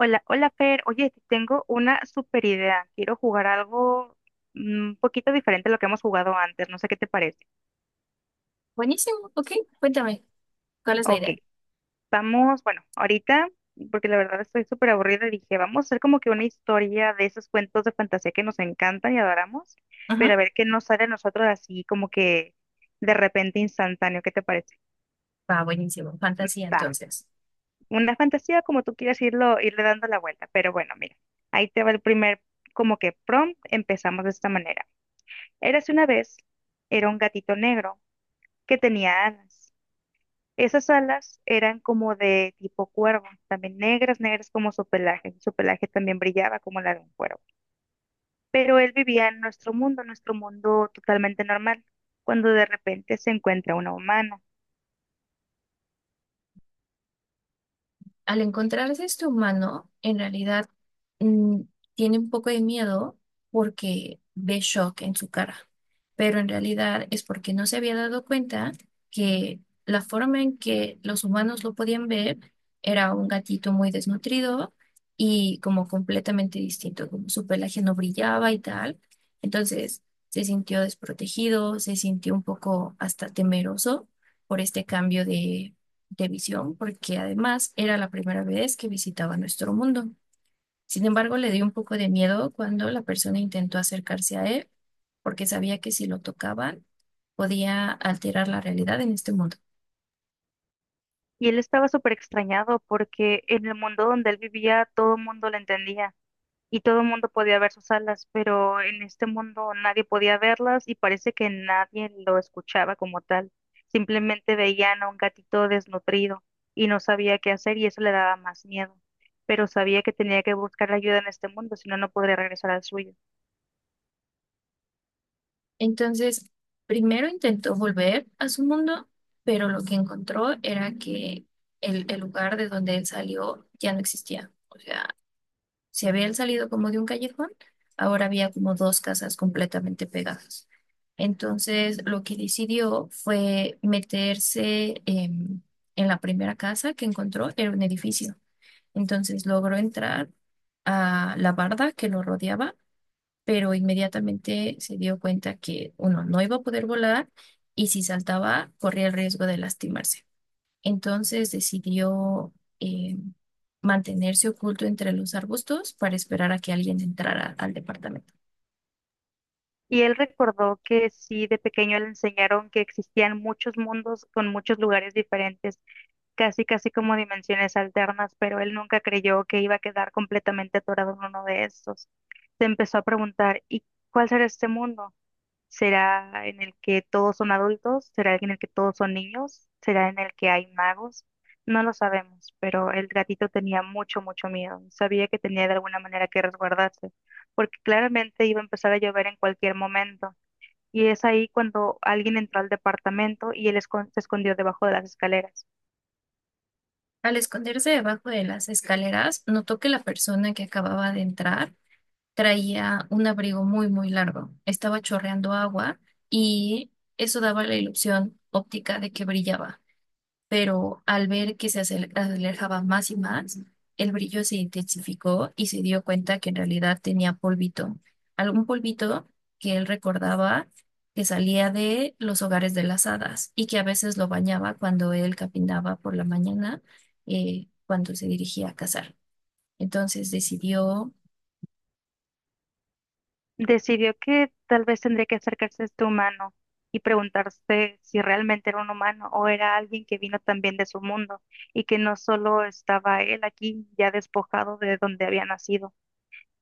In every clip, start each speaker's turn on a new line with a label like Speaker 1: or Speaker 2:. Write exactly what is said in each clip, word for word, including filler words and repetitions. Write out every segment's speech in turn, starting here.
Speaker 1: Hola, hola Fer. Oye, te tengo una super idea. Quiero jugar algo mm, un poquito diferente a lo que hemos jugado antes. No sé qué te parece.
Speaker 2: Buenísimo, ok. Cuéntame, ¿cuál es la
Speaker 1: Ok,
Speaker 2: idea?
Speaker 1: vamos, bueno, ahorita, porque la verdad estoy súper aburrida, dije, vamos a hacer como que una historia de esos cuentos de fantasía que nos encantan y adoramos, pero a
Speaker 2: Ujú.
Speaker 1: ver qué nos sale a nosotros así como que de repente instantáneo. ¿Qué te parece?
Speaker 2: Va, buenísimo. Fantasía,
Speaker 1: Va,
Speaker 2: entonces.
Speaker 1: una fantasía como tú quieras irlo, irle dando la vuelta, pero bueno, mira, ahí te va el primer como que prompt. Empezamos de esta manera. Érase una vez, era un gatito negro que tenía alas. Esas alas eran como de tipo cuervo, también negras, negras como su pelaje. Su pelaje también brillaba como la de un cuervo. Pero él vivía en nuestro mundo, nuestro mundo totalmente normal, cuando de repente se encuentra una humana.
Speaker 2: Al encontrarse este humano, en realidad mm, tiene un poco de miedo porque ve shock en su cara, pero en realidad es porque no se había dado cuenta que la forma en que los humanos lo podían ver era un gatito muy desnutrido y como completamente distinto, como su pelaje no brillaba y tal. Entonces se sintió desprotegido, se sintió un poco hasta temeroso por este cambio de de visión, porque además era la primera vez que visitaba nuestro mundo. Sin embargo, le dio un poco de miedo cuando la persona intentó acercarse a él, porque sabía que si lo tocaban podía alterar la realidad en este mundo.
Speaker 1: Y él estaba súper extrañado porque en el mundo donde él vivía todo el mundo lo entendía, y todo el mundo podía ver sus alas, pero en este mundo nadie podía verlas y parece que nadie lo escuchaba como tal. Simplemente veían a un gatito desnutrido y no sabía qué hacer y eso le daba más miedo. Pero sabía que tenía que buscar ayuda en este mundo, si no, no podría regresar al suyo.
Speaker 2: Entonces, primero intentó volver a su mundo, pero lo que encontró era que el, el lugar de donde él salió ya no existía. O sea, si habían salido como de un callejón, ahora había como dos casas completamente pegadas. Entonces, lo que decidió fue meterse em, en la primera casa que encontró, era un edificio. Entonces, logró entrar a la barda que lo rodeaba, pero inmediatamente se dio cuenta que, uno, no iba a poder volar y si saltaba, corría el riesgo de lastimarse. Entonces decidió eh, mantenerse oculto entre los arbustos para esperar a que alguien entrara al departamento.
Speaker 1: Y él recordó que sí, de pequeño le enseñaron que existían muchos mundos con muchos lugares diferentes casi casi como dimensiones alternas, pero él nunca creyó que iba a quedar completamente atorado en uno de estos. Se empezó a preguntar, ¿y cuál será este mundo? ¿Será en el que todos son adultos? ¿Será en el que todos son niños? ¿Será en el que hay magos? No lo sabemos, pero el gatito tenía mucho, mucho miedo. Sabía que tenía de alguna manera que resguardarse, porque claramente iba a empezar a llover en cualquier momento. Y es ahí cuando alguien entró al departamento y él escon- se escondió debajo de las escaleras.
Speaker 2: Al esconderse debajo de las escaleras, notó que la persona que acababa de entrar traía un abrigo muy, muy largo. Estaba chorreando agua y eso daba la ilusión óptica de que brillaba. Pero al ver que se acer- alejaba más y más, el brillo se intensificó y se dio cuenta que en realidad tenía polvito, algún polvito que él recordaba que salía de los hogares de las hadas y que a veces lo bañaba cuando él caminaba por la mañana, eh, cuando se dirigía a cazar. Entonces decidió,
Speaker 1: Decidió que tal vez tendría que acercarse a este humano y preguntarse si realmente era un humano o era alguien que vino también de su mundo y que no solo estaba él aquí ya despojado de donde había nacido,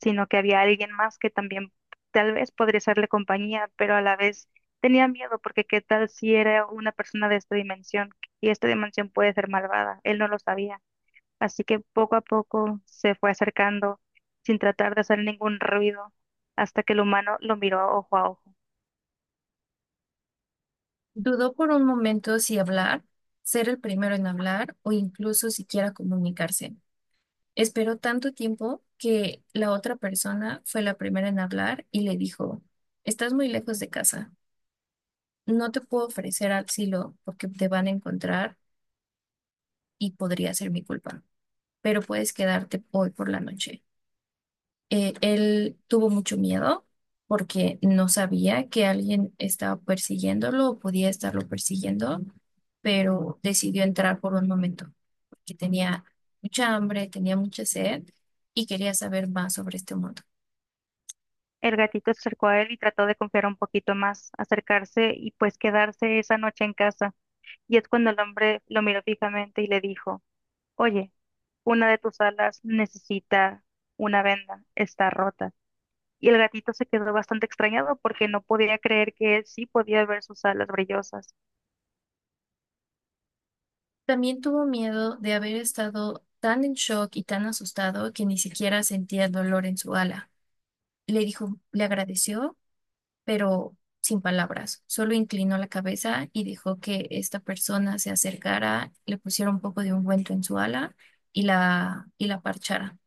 Speaker 1: sino que había alguien más que también tal vez podría serle compañía, pero a la vez tenía miedo porque qué tal si era una persona de esta dimensión y esta dimensión puede ser malvada, él no lo sabía. Así que poco a poco se fue acercando sin tratar de hacer ningún ruido hasta que el humano lo miró ojo a ojo.
Speaker 2: dudó por un momento si hablar, ser el primero en hablar o incluso siquiera comunicarse. Esperó tanto tiempo que la otra persona fue la primera en hablar y le dijo, estás muy lejos de casa, no te puedo ofrecer asilo porque te van a encontrar y podría ser mi culpa, pero puedes quedarte hoy por la noche. Eh, él tuvo mucho miedo porque no sabía que alguien estaba persiguiéndolo o podía estarlo persiguiendo, pero decidió entrar por un momento porque tenía mucha hambre, tenía mucha sed y quería saber más sobre este mundo.
Speaker 1: El gatito se acercó a él y trató de confiar un poquito más, acercarse y pues quedarse esa noche en casa. Y es cuando el hombre lo miró fijamente y le dijo, oye, una de tus alas necesita una venda, está rota. Y el gatito se quedó bastante extrañado porque no podía creer que él sí podía ver sus alas brillosas.
Speaker 2: También tuvo miedo de haber estado tan en shock y tan asustado que ni siquiera sentía dolor en su ala. Le dijo, le agradeció, pero sin palabras. Solo inclinó la cabeza y dejó que esta persona se acercara, le pusiera un poco de ungüento en su ala y la, y la parchara.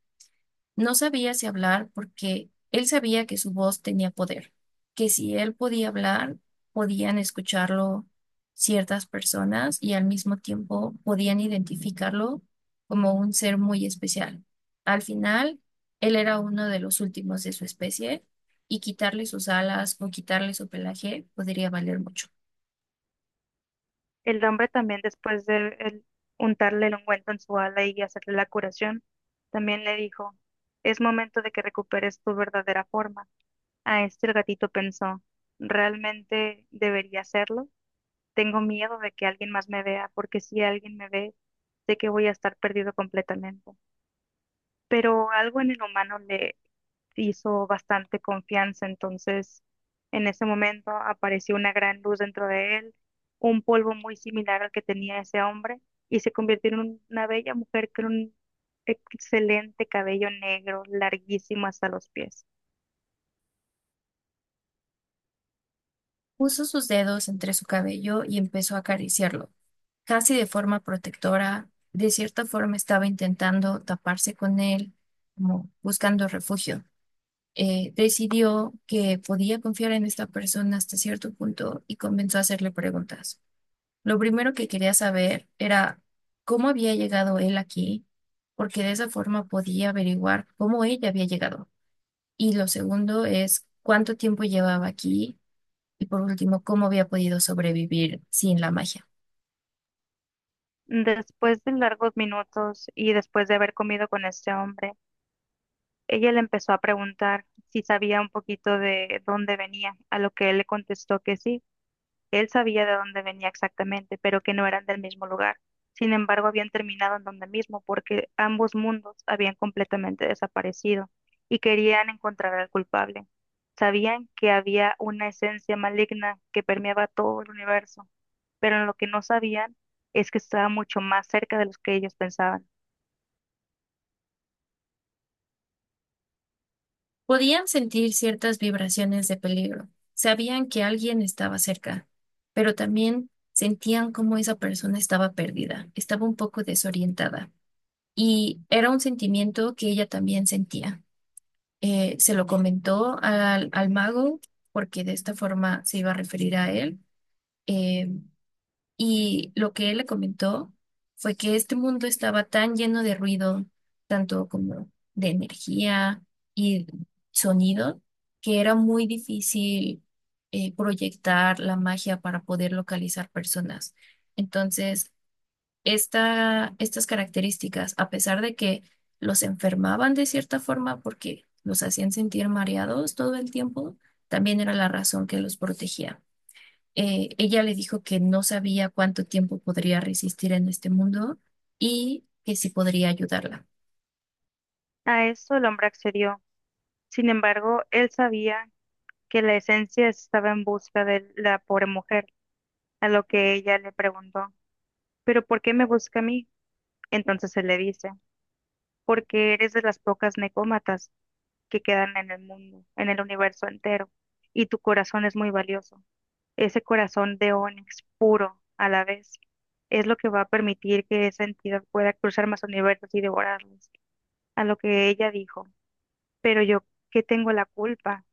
Speaker 2: No sabía si hablar porque él sabía que su voz tenía poder, que si él podía hablar, podían escucharlo ciertas personas y al mismo tiempo podían identificarlo como un ser muy especial. Al final, él era uno de los últimos de su especie y quitarle sus alas o quitarle su pelaje podría valer mucho.
Speaker 1: El hombre también, después de el- untarle el ungüento en su ala y hacerle la curación, también le dijo, es momento de que recuperes tu verdadera forma. A este el gatito pensó, ¿realmente debería hacerlo? Tengo miedo de que alguien más me vea, porque si alguien me ve, sé que voy a estar perdido completamente. Pero algo en el humano le hizo bastante confianza. Entonces, en ese momento apareció una gran luz dentro de él, un polvo muy similar al que tenía ese hombre, y se convirtió en un- una bella mujer con un excelente cabello negro, larguísimo hasta los pies.
Speaker 2: Puso sus dedos entre su cabello y empezó a acariciarlo, casi de forma protectora, de cierta forma estaba intentando taparse con él, como buscando refugio. Eh, decidió que podía confiar en esta persona hasta cierto punto y comenzó a hacerle preguntas. Lo primero que quería saber era cómo había llegado él aquí, porque de esa forma podía averiguar cómo ella había llegado. Y lo segundo es cuánto tiempo llevaba aquí y por último, cómo había podido sobrevivir sin la magia.
Speaker 1: Después de largos minutos y después de haber comido con este hombre, ella le empezó a preguntar si sabía un poquito de dónde venía, a lo que él le contestó que sí. Él sabía de dónde venía exactamente, pero que no eran del mismo lugar. Sin embargo, habían terminado en donde mismo porque ambos mundos habían completamente desaparecido y querían encontrar al culpable. Sabían que había una esencia maligna que permeaba todo el universo, pero lo que no sabían es que estaba mucho más cerca de lo que ellos pensaban.
Speaker 2: Podían sentir ciertas vibraciones de peligro. Sabían que alguien estaba cerca, pero también sentían cómo esa persona estaba perdida, estaba un poco desorientada. Y era un sentimiento que ella también sentía. Eh, se lo comentó al, al mago porque de esta forma se iba a referir a él. Eh, y lo que él le comentó fue que este mundo estaba tan lleno de ruido, tanto como de energía y sonido, que era muy difícil eh, proyectar la magia para poder localizar personas. Entonces, esta, estas características, a pesar de que los enfermaban de cierta forma porque los hacían sentir mareados todo el tiempo, también era la razón que los protegía. Eh, ella le dijo que no sabía cuánto tiempo podría resistir en este mundo y que sí podría ayudarla.
Speaker 1: A eso el hombre accedió. Sin embargo, él sabía que la esencia estaba en busca de la pobre mujer, a lo que ella le preguntó. Pero ¿por qué me busca a mí? Entonces él le dice, porque eres de las pocas necómatas que quedan en el mundo, en el universo entero, y tu corazón es muy valioso. Ese corazón de ónix puro a la vez es lo que va a permitir que esa entidad pueda cruzar más universos y devorarlos, a lo que ella dijo. Pero yo, ¿qué tengo la culpa?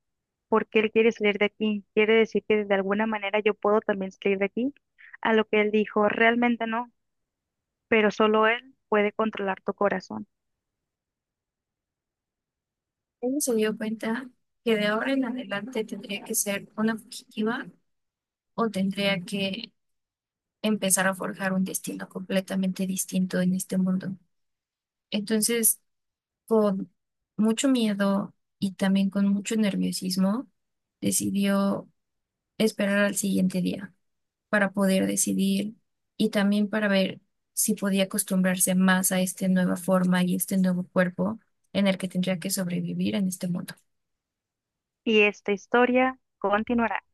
Speaker 1: ¿Por qué él quiere salir de aquí? ¿Quiere decir que de alguna manera yo puedo también salir de aquí? A lo que él dijo, realmente no, pero solo él puede controlar tu corazón.
Speaker 2: Ella se dio cuenta que de ahora en adelante tendría que ser una fugitiva o tendría que empezar a forjar un destino completamente distinto en este mundo. Entonces, con mucho miedo y también con mucho nerviosismo, decidió esperar al siguiente día, para poder decidir y también para ver si podía acostumbrarse más a esta nueva forma y este nuevo cuerpo en el que tendría que sobrevivir en este mundo.
Speaker 1: Y esta historia continuará.